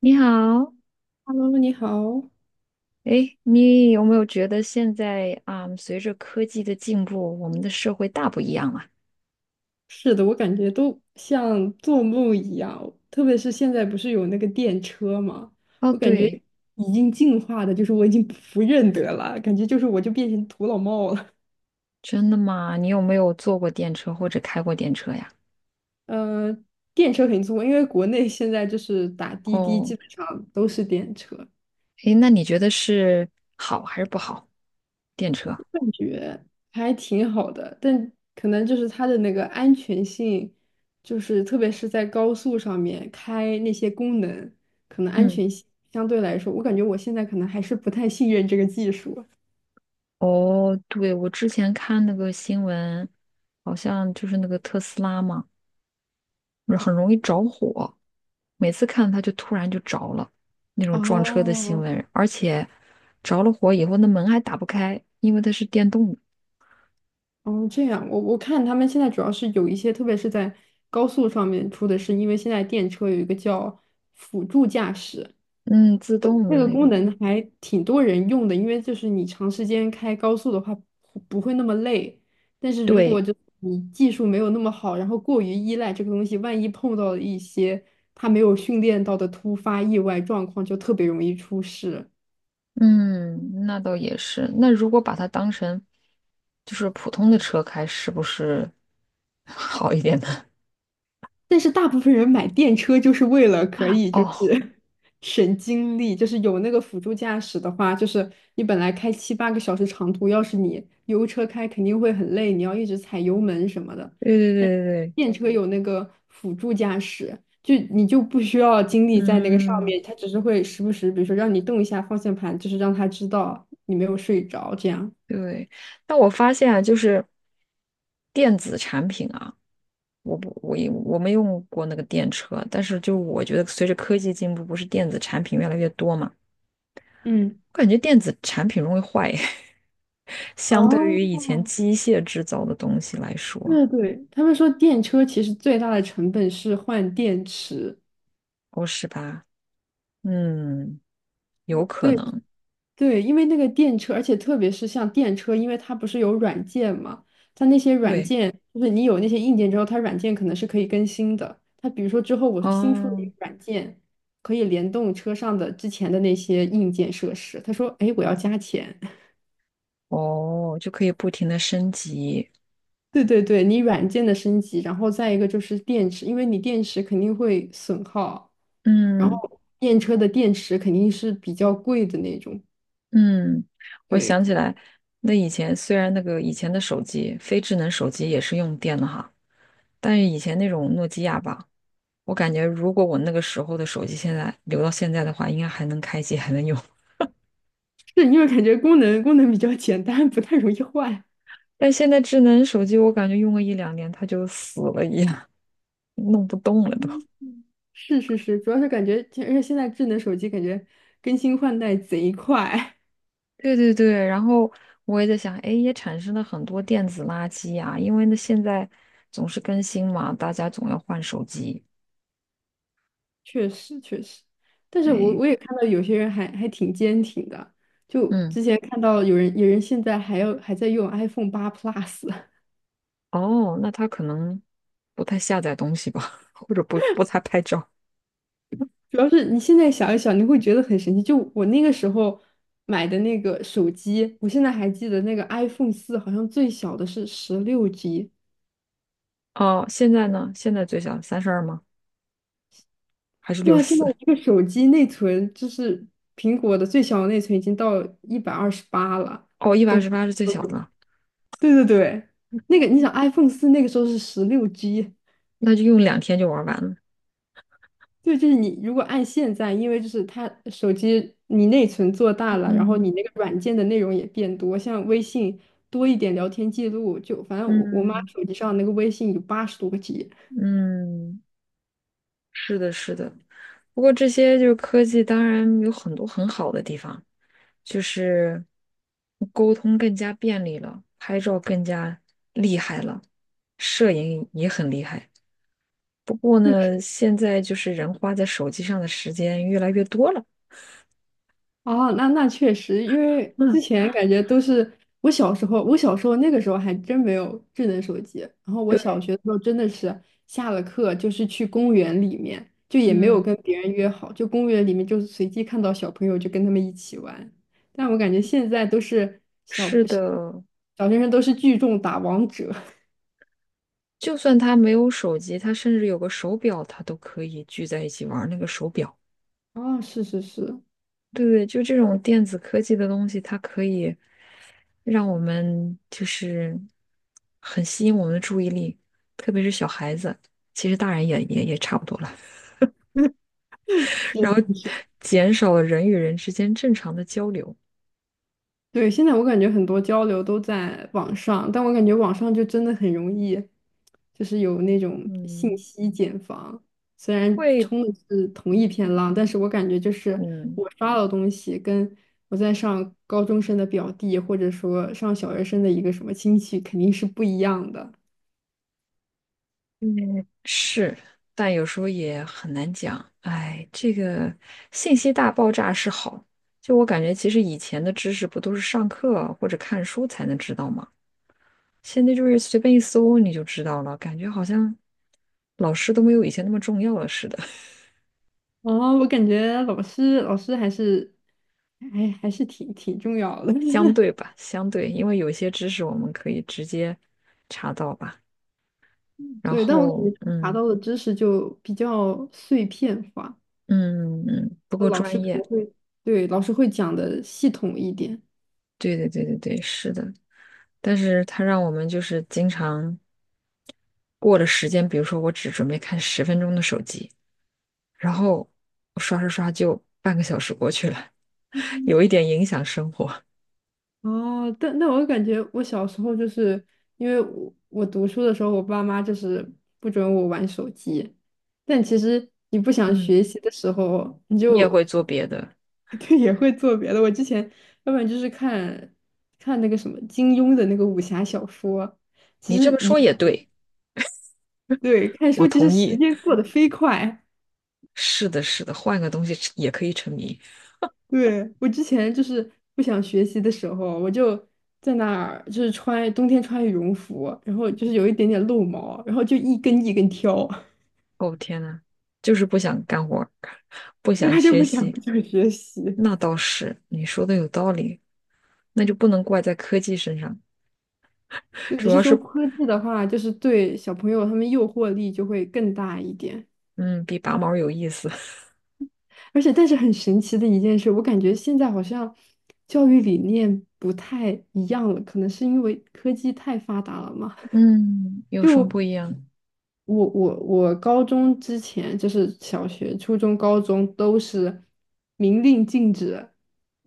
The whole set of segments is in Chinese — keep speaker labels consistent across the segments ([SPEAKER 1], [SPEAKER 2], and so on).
[SPEAKER 1] 你好。
[SPEAKER 2] Hello，你好。
[SPEAKER 1] 哎，你有没有觉得现在啊，随着科技的进步，我们的社会大不一样了？
[SPEAKER 2] 是的，我感觉都像做梦一样，特别是现在不是有那个电车嘛，
[SPEAKER 1] 哦，
[SPEAKER 2] 我感觉
[SPEAKER 1] 对。
[SPEAKER 2] 已经进化的，就是我已经不认得了，感觉就是我就变成土老帽了。
[SPEAKER 1] 真的吗？你有没有坐过电车或者开过电车呀？
[SPEAKER 2] 呃，电车肯定坐过，因为国内现在就是打滴滴，
[SPEAKER 1] 哦，
[SPEAKER 2] 基本上都是电车。
[SPEAKER 1] 哎，那你觉得是好还是不好？电车？
[SPEAKER 2] 感觉还挺好的，但可能就是它的那个安全性，就是特别是在高速上面开那些功能，可能安
[SPEAKER 1] 嗯，
[SPEAKER 2] 全性相对来说，我感觉我现在可能还是不太信任这个技术。
[SPEAKER 1] 哦，对，我之前看那个新闻，好像就是那个特斯拉嘛。很容易着火，每次看它就突然就着了，那种撞车的新
[SPEAKER 2] 哦，
[SPEAKER 1] 闻，而且着了火以后那门还打不开，因为它是电动的。
[SPEAKER 2] 哦，这样，我看他们现在主要是有一些，特别是在高速上面出的是，因为现在电车有一个叫辅助驾驶，
[SPEAKER 1] 嗯，自动
[SPEAKER 2] 那
[SPEAKER 1] 的
[SPEAKER 2] 个
[SPEAKER 1] 那
[SPEAKER 2] 功
[SPEAKER 1] 个。
[SPEAKER 2] 能还挺多人用的，因为就是你长时间开高速的话不会那么累，但是如
[SPEAKER 1] 对，
[SPEAKER 2] 果就你技术没有那么好，然后过于依赖这个东西，万一碰到了一些他没有训练到的突发意外状况，就特别容易出事。
[SPEAKER 1] 嗯，那倒也是。那如果把它当成就是普通的车开，是不是 好一点呢？
[SPEAKER 2] 但是大部分人买电车就是为了可 以就是
[SPEAKER 1] 哦，
[SPEAKER 2] 省精力，就是有那个辅助驾驶的话，就是你本来开7、8个小时长途，要是你油车开肯定会很累，你要一直踩油门什么的。
[SPEAKER 1] 对对对
[SPEAKER 2] 但
[SPEAKER 1] 对对，
[SPEAKER 2] 电车有那个辅助驾驶，就你就不需要精力在那个上
[SPEAKER 1] 嗯，
[SPEAKER 2] 面，它只是会时不时，比如说让你动一下方向盘，就是让它知道你没有睡着这样。
[SPEAKER 1] 对。但我发现啊，就是电子产品啊。我不，我也我没用过那个电车，但是就我觉得随着科技进步，不是电子产品越来越多嘛。
[SPEAKER 2] 嗯，
[SPEAKER 1] 我感觉电子产品容易坏，相对
[SPEAKER 2] 哦，
[SPEAKER 1] 于以前机械制造的东西来说。
[SPEAKER 2] 对对，他们说电车其实最大的成本是换电池。
[SPEAKER 1] 哦，是吧？嗯，有可
[SPEAKER 2] 对
[SPEAKER 1] 能。
[SPEAKER 2] 对，因为那个电车，而且特别是像电车，因为它不是有软件嘛，它那些软
[SPEAKER 1] 对，
[SPEAKER 2] 件就是你有那些硬件之后，它软件可能是可以更新的。它比如说之后我新出了一
[SPEAKER 1] 哦
[SPEAKER 2] 个软件，可以联动车上的之前的那些硬件设施。他说，哎，我要加钱。
[SPEAKER 1] 哦，就可以不停的升级。
[SPEAKER 2] 对对对，你软件的升级，然后再一个就是电池，因为你电池肯定会损耗。然
[SPEAKER 1] 嗯
[SPEAKER 2] 后电车的电池肯定是比较贵的那种，
[SPEAKER 1] 嗯，我
[SPEAKER 2] 对，
[SPEAKER 1] 想起来。那以前虽然那个以前的手机，非智能手机也是用电的哈，但是以前那种诺基亚吧。我感觉如果我那个时候的手机现在留到现在的话，应该还能开机，还能用。
[SPEAKER 2] 是因为感觉功能比较简单，不太容易坏。
[SPEAKER 1] 但现在智能手机，我感觉用个一两年它就死了一样，弄不动了都。
[SPEAKER 2] 是是是，主要是感觉，而且现在智能手机感觉更新换代贼快，
[SPEAKER 1] 对对对，然后我也在想，哎，也产生了很多电子垃圾呀、因为呢现在总是更新嘛，大家总要换手机。
[SPEAKER 2] 确实确实。但是我
[SPEAKER 1] 哎，
[SPEAKER 2] 我也看到有些人还挺坚挺的，就
[SPEAKER 1] 嗯，
[SPEAKER 2] 之前看到有人现在还要还在用 iPhone 8 Plus。
[SPEAKER 1] 哦，那他可能不太下载东西吧，或者不太拍照。
[SPEAKER 2] 主要是你现在想一想，你会觉得很神奇。就我那个时候买的那个手机，我现在还记得那个 iPhone 四，好像最小的是十六 G。
[SPEAKER 1] 哦，现在呢？现在最小32吗？还是六
[SPEAKER 2] 哇，
[SPEAKER 1] 十
[SPEAKER 2] 现在
[SPEAKER 1] 四？
[SPEAKER 2] 一个手机内存，就是苹果的最小的内存已经到128了，
[SPEAKER 1] 哦，一百二
[SPEAKER 2] 都
[SPEAKER 1] 十八是最小的。
[SPEAKER 2] 对对对。那个你想 iPhone 四那个时候是十六 G，
[SPEAKER 1] 那就用2天就玩完了。
[SPEAKER 2] 对，就是你如果按现在，因为就是它手机你内存做大了，然后你
[SPEAKER 1] 嗯
[SPEAKER 2] 那个软件的内容也变多，像微信多一点聊天记录，就反正我妈
[SPEAKER 1] 嗯
[SPEAKER 2] 手机上那个微信有80多个G。
[SPEAKER 1] 嗯，是的，是的。不过这些就是科技，当然有很多很好的地方，就是沟通更加便利了，拍照更加厉害了，摄影也很厉害。不过呢，现在就是人花在手机上的时间越来越多了。
[SPEAKER 2] 哦，那确实，因为
[SPEAKER 1] 嗯，
[SPEAKER 2] 之前感觉都是我小时候那个时候还真没有智能手机。然后我小
[SPEAKER 1] 对，
[SPEAKER 2] 学的时候真的是下了课就是去公园里面，就也没有
[SPEAKER 1] 嗯，
[SPEAKER 2] 跟别人约好，就公园里面就是随机看到小朋友就跟他们一起玩。但我感觉现在都是
[SPEAKER 1] 是的。
[SPEAKER 2] 小学生都是聚众打王者。
[SPEAKER 1] 就算他没有手机，他甚至有个手表，他都可以聚在一起玩那个手表。
[SPEAKER 2] 哦，是是是
[SPEAKER 1] 对对，就这种电子科技的东西，它可以让我们就是很吸引我们的注意力，特别是小孩子，其实大人也差不多了。然后
[SPEAKER 2] 是。
[SPEAKER 1] 减少了人与人之间正常的交流。
[SPEAKER 2] 对，现在我感觉很多交流都在网上，但我感觉网上就真的很容易，就是有那种信
[SPEAKER 1] 嗯，
[SPEAKER 2] 息茧房。虽然
[SPEAKER 1] 会，
[SPEAKER 2] 冲的是同一片浪，但是我感觉就是
[SPEAKER 1] 嗯
[SPEAKER 2] 我刷到的东西，跟我在上高中生的表弟，或者说上小学生的一个什么亲戚，肯定是不一样的。
[SPEAKER 1] 嗯是，但有时候也很难讲。哎，这个信息大爆炸是好，就我感觉，其实以前的知识不都是上课啊或者看书才能知道吗？现在就是随便一搜你就知道了，感觉好像老师都没有以前那么重要了似的。
[SPEAKER 2] 哦，我感觉老师还是还是挺重要的。
[SPEAKER 1] 相 对吧，相对，因为有些知识我们可以直接查到吧。然
[SPEAKER 2] 对，但我感觉
[SPEAKER 1] 后，
[SPEAKER 2] 查
[SPEAKER 1] 嗯
[SPEAKER 2] 到的知识就比较碎片化。
[SPEAKER 1] 嗯嗯，不够
[SPEAKER 2] 老师
[SPEAKER 1] 专
[SPEAKER 2] 可
[SPEAKER 1] 业。
[SPEAKER 2] 能会，对，老师会讲的系统一点。
[SPEAKER 1] 对对对对对，是的。但是它让我们就是经常过了时间，比如说我只准备看10分钟的手机，然后我刷刷刷就半个小时过去了，有一点影响生活。
[SPEAKER 2] 哦，但我感觉我小时候就是因为我读书的时候，我爸妈就是不准我玩手机，但其实你不想
[SPEAKER 1] 嗯，
[SPEAKER 2] 学习的时候，你
[SPEAKER 1] 你也会
[SPEAKER 2] 就
[SPEAKER 1] 做别的。
[SPEAKER 2] 就也会做别的。我之前要不然就是看那个什么金庸的那个武侠小说，其
[SPEAKER 1] 你
[SPEAKER 2] 实
[SPEAKER 1] 这么
[SPEAKER 2] 一
[SPEAKER 1] 说
[SPEAKER 2] 看，
[SPEAKER 1] 也对，
[SPEAKER 2] 对，看
[SPEAKER 1] 我
[SPEAKER 2] 书其
[SPEAKER 1] 同
[SPEAKER 2] 实时
[SPEAKER 1] 意。
[SPEAKER 2] 间过得飞快。
[SPEAKER 1] 是的，是的，换个东西吃也可以沉迷。
[SPEAKER 2] 对，我之前就是不想学习的时候，我就在那儿就是冬天穿羽绒服，然后就是有一点点露毛，然后就一根一根挑，
[SPEAKER 1] 哦，天呐，就是不想干活儿不
[SPEAKER 2] 因为
[SPEAKER 1] 想
[SPEAKER 2] 他就
[SPEAKER 1] 学习。
[SPEAKER 2] 不想学习。
[SPEAKER 1] 那倒是，你说的有道理，那就不能怪在科技身上，
[SPEAKER 2] 对，只
[SPEAKER 1] 主
[SPEAKER 2] 是
[SPEAKER 1] 要
[SPEAKER 2] 说
[SPEAKER 1] 是，
[SPEAKER 2] 科技的话，就是对小朋友他们诱惑力就会更大一点。
[SPEAKER 1] 嗯，比拔毛有意思。
[SPEAKER 2] 而且，但是很神奇的一件事，我感觉现在好像教育理念不太一样了，可能是因为科技太发达了嘛。
[SPEAKER 1] 嗯，有什么
[SPEAKER 2] 就
[SPEAKER 1] 不一样？
[SPEAKER 2] 我高中之前就是小学、初中、高中都是明令禁止，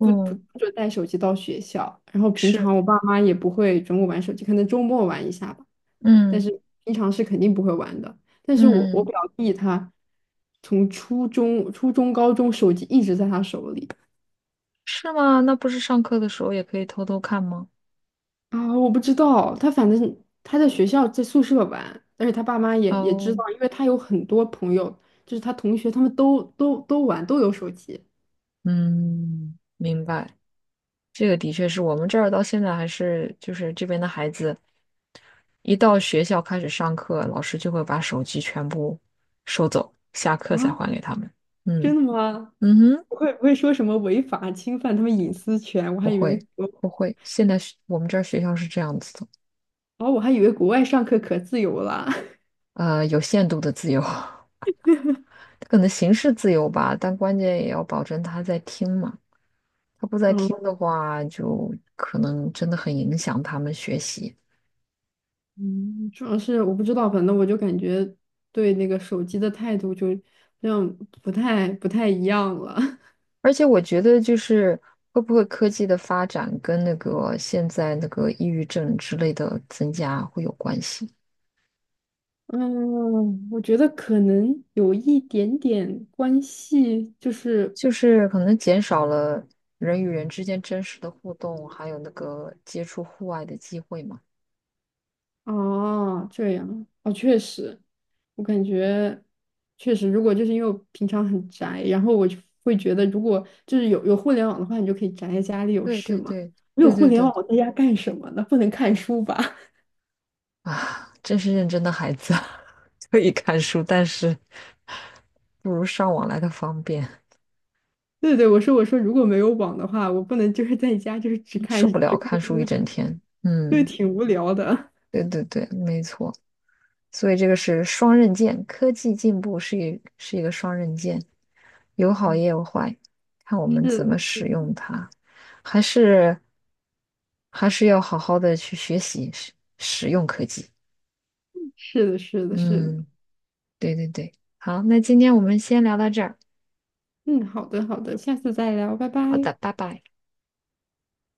[SPEAKER 2] 不准带手机到学校。然后平
[SPEAKER 1] 是，
[SPEAKER 2] 常我爸妈也不会准我玩手机，可能周末玩一下吧，但
[SPEAKER 1] 嗯
[SPEAKER 2] 是平常是肯定不会玩的。但是
[SPEAKER 1] 嗯
[SPEAKER 2] 我
[SPEAKER 1] 嗯，
[SPEAKER 2] 表弟他从初中、高中手机一直在他手里。
[SPEAKER 1] 是吗？那不是上课的时候也可以偷偷看吗？
[SPEAKER 2] 啊，我不知道，他反正他在学校在宿舍玩，而且他爸妈也知
[SPEAKER 1] 哦，
[SPEAKER 2] 道，因为他有很多朋友，就是他同学，他们都玩，都有手机
[SPEAKER 1] 嗯，明白。这个的确是我们这儿到现在还是就是这边的孩子。一到学校开始上课，老师就会把手机全部收走，下课才
[SPEAKER 2] 啊，
[SPEAKER 1] 还给他们。
[SPEAKER 2] 真
[SPEAKER 1] 嗯
[SPEAKER 2] 的吗？
[SPEAKER 1] 嗯哼，
[SPEAKER 2] 不会不会说什么违法侵犯他们隐私权？我还
[SPEAKER 1] 不
[SPEAKER 2] 以
[SPEAKER 1] 会
[SPEAKER 2] 为我
[SPEAKER 1] 不会，现在我们这儿学校是这样子的。
[SPEAKER 2] 哦，我还以为国外上课可自由了。
[SPEAKER 1] 有限度的自由，可能形式自由吧，但关键也要保证他在听嘛。他不 在
[SPEAKER 2] 然
[SPEAKER 1] 听
[SPEAKER 2] 后
[SPEAKER 1] 的话，就可能真的很影响他们学习。
[SPEAKER 2] 嗯，主要是我不知道，反正我就感觉对那个手机的态度就那样不太一样了。
[SPEAKER 1] 而且我觉得，就是会不会科技的发展跟那个现在那个抑郁症之类的增加会有关系。
[SPEAKER 2] 嗯，我觉得可能有一点点关系，就是
[SPEAKER 1] 就是可能减少了人与人之间真实的互动，还有那个接触户外的机会嘛。
[SPEAKER 2] 啊，这样哦，确实，我感觉确实，如果就是因为我平常很宅，然后我就会觉得，如果就是有互联网的话，你就可以宅在家里有
[SPEAKER 1] 对
[SPEAKER 2] 事
[SPEAKER 1] 对
[SPEAKER 2] 嘛。
[SPEAKER 1] 对
[SPEAKER 2] 没有
[SPEAKER 1] 对
[SPEAKER 2] 互
[SPEAKER 1] 对
[SPEAKER 2] 联
[SPEAKER 1] 对，
[SPEAKER 2] 网，我在家干什么呢？不能看书吧？
[SPEAKER 1] 啊，真是认真的孩子，可以看书，但是不如上网来的方便，
[SPEAKER 2] 对对，我说，如果没有网的话，我不能就是在家就是
[SPEAKER 1] 受不了
[SPEAKER 2] 只看
[SPEAKER 1] 看书一
[SPEAKER 2] 书，
[SPEAKER 1] 整天。
[SPEAKER 2] 对，
[SPEAKER 1] 嗯，
[SPEAKER 2] 挺无聊的。
[SPEAKER 1] 对对对，没错。所以这个是双刃剑，科技进步是一个双刃剑，有好也
[SPEAKER 2] 嗯，
[SPEAKER 1] 有坏，看我 们
[SPEAKER 2] 是
[SPEAKER 1] 怎么
[SPEAKER 2] 的，
[SPEAKER 1] 使
[SPEAKER 2] 是的，
[SPEAKER 1] 用它。还是还是要好好的去学习使用科技。
[SPEAKER 2] 是的，是的，是的。
[SPEAKER 1] 嗯，对对对。好，那今天我们先聊到这儿。
[SPEAKER 2] 嗯，好的好的，下次再聊，拜
[SPEAKER 1] 好
[SPEAKER 2] 拜。
[SPEAKER 1] 的，拜拜。